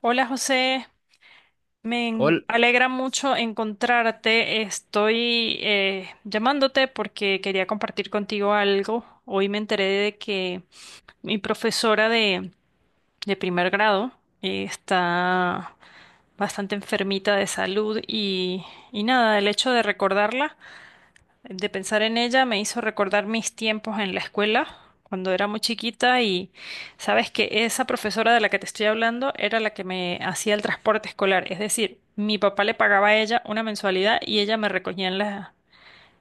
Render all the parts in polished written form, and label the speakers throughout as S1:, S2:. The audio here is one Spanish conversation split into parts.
S1: Hola José,
S2: Ol-
S1: alegra mucho encontrarte. Estoy llamándote porque quería compartir contigo algo. Hoy me enteré de que mi profesora de primer grado está bastante enfermita de salud y nada, el hecho de recordarla. De pensar en ella me hizo recordar mis tiempos en la escuela, cuando era muy chiquita y sabes que esa profesora de la que te estoy hablando era la que me hacía el transporte escolar, es decir, mi papá le pagaba a ella una mensualidad y ella me recogía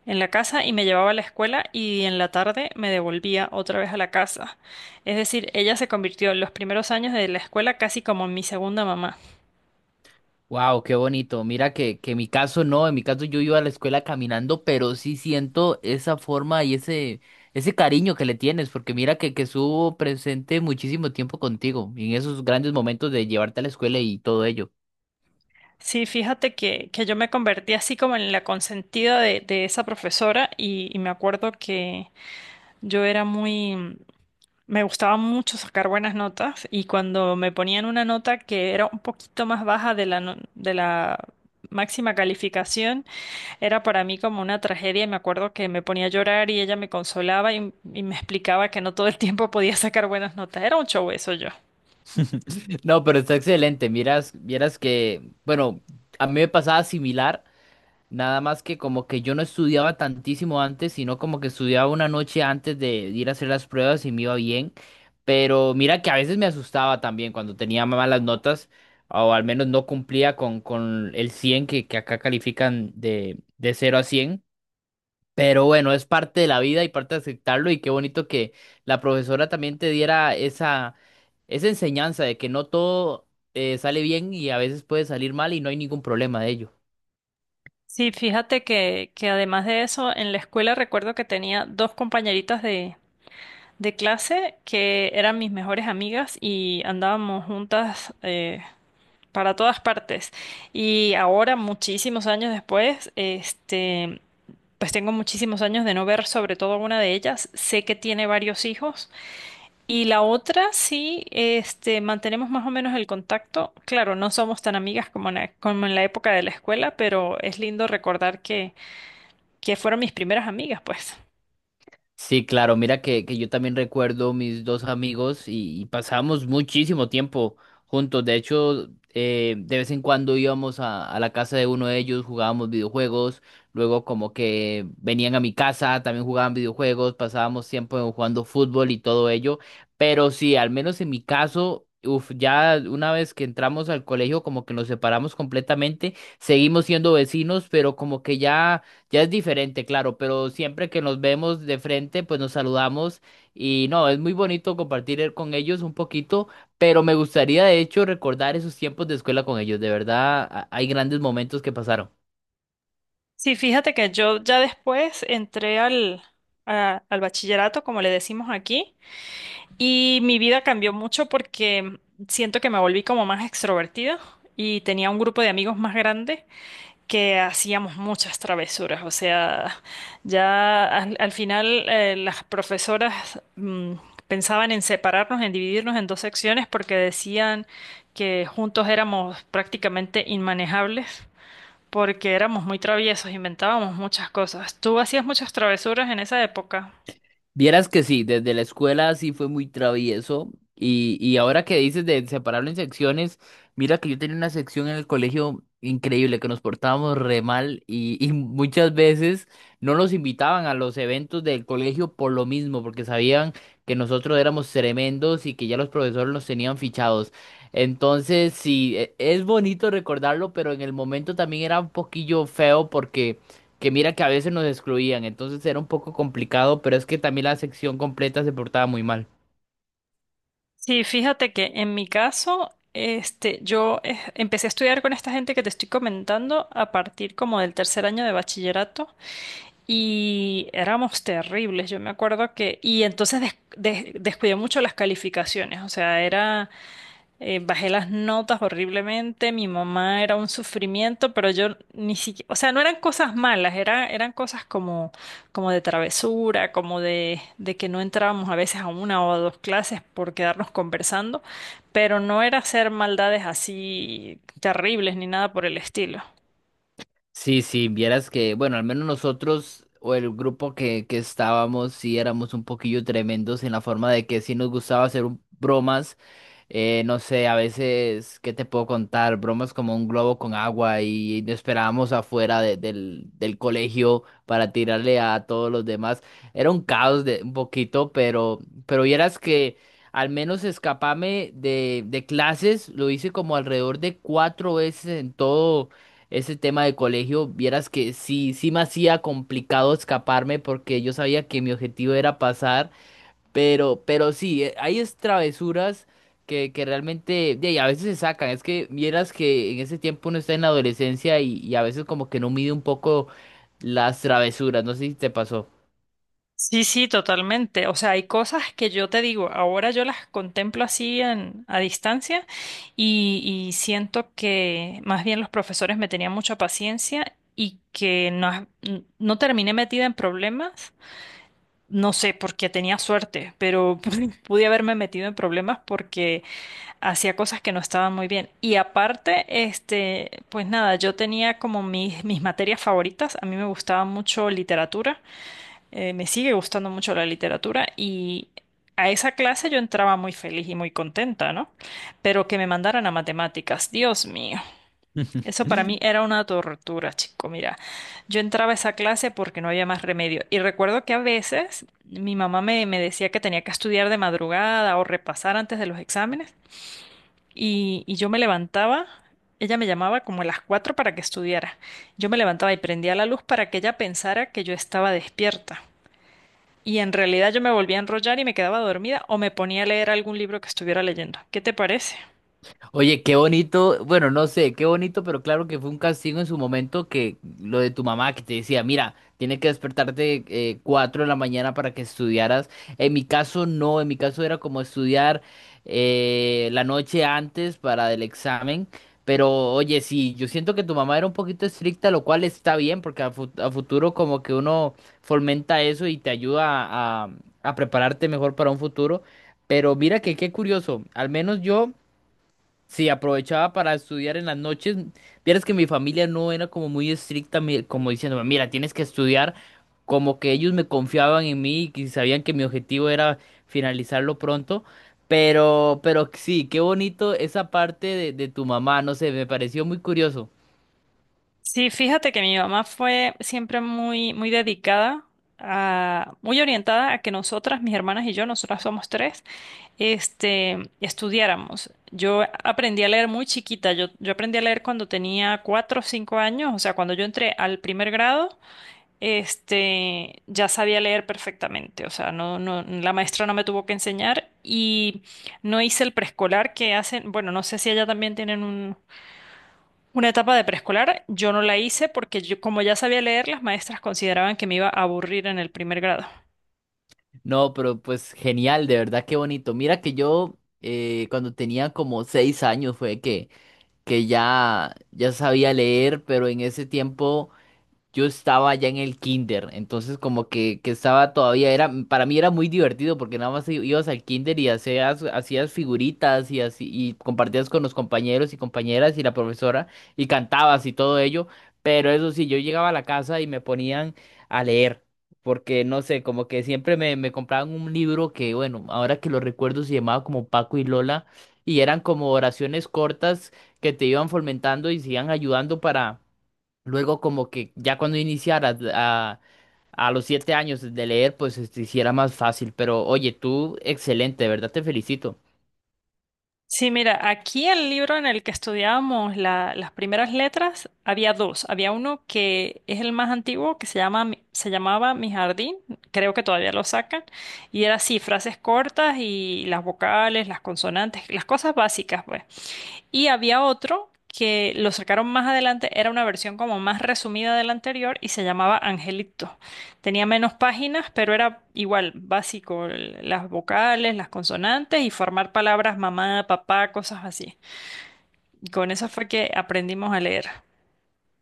S1: en la casa y me llevaba a la escuela y en la tarde me devolvía otra vez a la casa. Es decir, ella se convirtió en los primeros años de la escuela casi como mi segunda mamá.
S2: wow, qué bonito. Mira que en mi caso no, en mi caso yo iba a la escuela caminando, pero sí siento esa forma y ese cariño que le tienes, porque mira que estuvo presente muchísimo tiempo contigo, y en esos grandes momentos de llevarte a la escuela y todo ello.
S1: Sí, fíjate que yo me convertí así como en la consentida de esa profesora y me acuerdo que yo era muy, me gustaba mucho sacar buenas notas y cuando me ponían una nota que era un poquito más baja de la, no- de la máxima calificación, era para mí como una tragedia y me acuerdo que me ponía a llorar y ella me consolaba y me explicaba que no todo el tiempo podía sacar buenas notas. Era un show eso yo.
S2: No, pero está excelente. Miras, vieras que, bueno, a mí me pasaba similar. Nada más que como que yo no estudiaba tantísimo antes, sino como que estudiaba una noche antes de ir a hacer las pruebas y me iba bien. Pero mira que a veces me asustaba también cuando tenía malas notas, o al menos no cumplía con el 100 que acá califican de cero a cien. Pero bueno, es parte de la vida y parte de aceptarlo y qué bonito que la profesora también te diera esa enseñanza de que no todo sale bien y a veces puede salir mal y no hay ningún problema de ello.
S1: Sí, fíjate que además de eso, en la escuela recuerdo que tenía dos compañeritas de clase que eran mis mejores amigas y andábamos juntas para todas partes. Y ahora, muchísimos años después, este, pues tengo muchísimos años de no ver sobre todo a una de ellas. Sé que tiene varios hijos. Y la otra sí, este, mantenemos más o menos el contacto. Claro, no somos tan amigas como como en la época de la escuela, pero es lindo recordar que fueron mis primeras amigas, pues.
S2: Sí, claro, mira que yo también recuerdo mis dos amigos y pasábamos muchísimo tiempo juntos. De hecho, de vez en cuando íbamos a la casa de uno de ellos, jugábamos videojuegos, luego como que venían a mi casa, también jugaban videojuegos, pasábamos tiempo jugando fútbol y todo ello. Pero sí, al menos en mi caso, uf, ya una vez que entramos al colegio, como que nos separamos completamente, seguimos siendo vecinos, pero como que ya... Ya es diferente, claro, pero siempre que nos vemos de frente, pues nos saludamos y no, es muy bonito compartir con ellos un poquito, pero me gustaría de hecho recordar esos tiempos de escuela con ellos. De verdad, hay grandes momentos que pasaron.
S1: Sí, fíjate que yo ya después entré al bachillerato, como le decimos aquí, y mi vida cambió mucho porque siento que me volví como más extrovertida y tenía un grupo de amigos más grande que hacíamos muchas travesuras. O sea, ya al final las profesoras pensaban en separarnos, en dividirnos en dos secciones porque decían que juntos éramos prácticamente inmanejables, porque éramos muy traviesos, inventábamos muchas cosas. ¿Tú hacías muchas travesuras en esa época?
S2: Vieras que sí, desde la escuela sí fue muy travieso y ahora que dices de separarlo en secciones, mira que yo tenía una sección en el colegio increíble, que nos portábamos re mal y muchas veces no nos invitaban a los eventos del colegio por lo mismo, porque sabían que nosotros éramos tremendos y que ya los profesores nos tenían fichados. Entonces sí, es bonito recordarlo, pero en el momento también era un poquillo feo porque que mira que a veces nos excluían, entonces era un poco complicado, pero es que también la sección completa se portaba muy mal.
S1: Sí, fíjate que en mi caso, este, yo empecé a estudiar con esta gente que te estoy comentando a partir como del tercer año de bachillerato y éramos terribles, yo me acuerdo que, y entonces descuidé mucho las calificaciones, o sea, era... bajé las notas horriblemente, mi mamá era un sufrimiento, pero yo ni siquiera, o sea, no eran cosas malas, era, eran cosas como, como de travesura, como de que no entrábamos a veces a una o a dos clases por quedarnos conversando, pero no era hacer maldades así terribles ni nada por el estilo.
S2: Sí, sí, vieras que, bueno, al menos nosotros o el grupo que estábamos, sí éramos un poquillo tremendos en la forma de que sí nos gustaba hacer bromas. No sé, a veces, ¿qué te puedo contar? Bromas como un globo con agua y nos esperábamos afuera del colegio para tirarle a todos los demás. Era un caos de un poquito, pero vieras que al menos escaparme de clases lo hice como alrededor de cuatro veces en todo ese tema de colegio. Vieras que sí, sí me hacía complicado escaparme porque yo sabía que mi objetivo era pasar. Pero sí, hay es travesuras que realmente, de ahí, a veces se sacan. Es que vieras que en ese tiempo uno está en la adolescencia y a veces como que no mide un poco las travesuras. No sé si te pasó.
S1: Sí, sí, totalmente. O sea, hay cosas que yo te digo, ahora yo las contemplo así a distancia y, y siento que más bien los profesores me tenían mucha paciencia y que no, no terminé metida en problemas. No sé, porque tenía suerte, pero pude haberme metido en problemas porque hacía cosas que no estaban muy bien. Y aparte, este, pues nada, yo tenía como mis materias favoritas. A mí me gustaba mucho literatura. Me sigue gustando mucho la literatura y a esa clase yo entraba muy feliz y muy contenta, ¿no? Pero que me mandaran a matemáticas, Dios mío, eso para mí era una tortura, chico. Mira, yo entraba a esa clase porque no había más remedio. Y recuerdo que a veces mi mamá me decía que tenía que estudiar de madrugada o repasar antes de los exámenes y yo me levantaba. Ella me llamaba como a las 4 para que estudiara. Yo me levantaba y prendía la luz para que ella pensara que yo estaba despierta. Y en realidad yo me volvía a enrollar y me quedaba dormida o me ponía a leer algún libro que estuviera leyendo. ¿Qué te parece?
S2: Oye, qué bonito, bueno, no sé, qué bonito, pero claro que fue un castigo en su momento que lo de tu mamá que te decía, mira, tiene que despertarte 4 de la mañana para que estudiaras. En mi caso no, en mi caso era como estudiar, la noche antes para el examen, pero oye, sí, yo siento que tu mamá era un poquito estricta, lo cual está bien, porque a, a futuro como que uno fomenta eso y te ayuda a prepararte mejor para un futuro. Pero mira que qué curioso, al menos yo... Sí, aprovechaba para estudiar en las noches. Vieras que mi familia no era como muy estricta, como diciéndome, mira, tienes que estudiar. Como que ellos me confiaban en mí y sabían que mi objetivo era finalizarlo pronto. Pero sí, qué bonito esa parte de tu mamá, no sé, me pareció muy curioso.
S1: Sí, fíjate que mi mamá fue siempre muy, muy dedicada a, muy orientada a que nosotras, mis hermanas y yo, nosotras somos tres, este, estudiáramos. Yo aprendí a leer muy chiquita. Yo aprendí a leer cuando tenía 4 o 5 años, o sea, cuando yo entré al primer grado, este, ya sabía leer perfectamente, o sea, no, no, la maestra no me tuvo que enseñar y no hice el preescolar que hacen, bueno, no sé si allá también tienen una etapa de preescolar, yo no la hice porque yo, como ya sabía leer, las maestras consideraban que me iba a aburrir en el primer grado.
S2: No, pero pues genial, de verdad, qué bonito. Mira que yo, cuando tenía como seis años fue que ya, ya sabía leer, pero en ese tiempo yo estaba ya en el kinder, entonces como que estaba todavía, era, para mí era muy divertido porque nada más ibas al kinder y hacías, hacías figuritas y así, y compartías con los compañeros y compañeras y la profesora y cantabas y todo ello, pero eso sí, yo llegaba a la casa y me ponían a leer. Porque no sé, como que siempre me, me compraban un libro que, bueno, ahora que lo recuerdo se llamaba como Paco y Lola, y eran como oraciones cortas que te iban fomentando y se iban ayudando para, luego como que ya cuando iniciara a los siete años de leer, pues se te hiciera más fácil. Pero oye, tú excelente, de verdad te felicito.
S1: Sí, mira, aquí el libro en el que estudiábamos las primeras letras había dos. Había uno que es el más antiguo, que se llama, se llamaba Mi Jardín, creo que todavía lo sacan, y era así, frases cortas y las vocales, las consonantes, las cosas básicas, pues. Y había otro que lo sacaron más adelante, era una versión como más resumida de la anterior y se llamaba Angelito. Tenía menos páginas, pero era igual, básico, las vocales, las consonantes y formar palabras mamá, papá, cosas así. Y con eso fue que aprendimos a leer.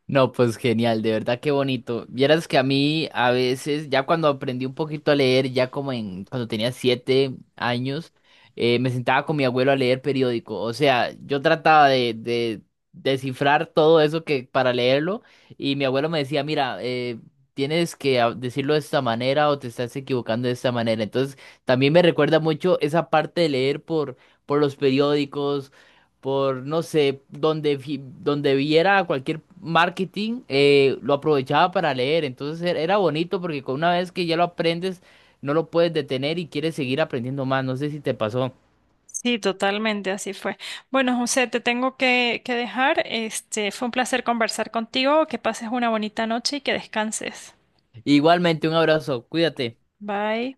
S2: No, pues genial, de verdad qué bonito. Vieras que a mí a veces, ya cuando aprendí un poquito a leer, ya como en cuando tenía siete años, me sentaba con mi abuelo a leer periódico. O sea, yo trataba de descifrar todo eso que para leerlo y mi abuelo me decía, mira, tienes que decirlo de esta manera o te estás equivocando de esta manera. Entonces, también me recuerda mucho esa parte de leer por los periódicos por, no sé, donde, donde viera cualquier marketing, lo aprovechaba para leer. Entonces era bonito porque con una vez que ya lo aprendes, no lo puedes detener y quieres seguir aprendiendo más. No sé si te pasó.
S1: Sí, totalmente, así fue. Bueno, José, te tengo que dejar. Este, fue un placer conversar contigo. Que pases una bonita noche y que descanses.
S2: Igualmente, un abrazo, cuídate.
S1: Bye.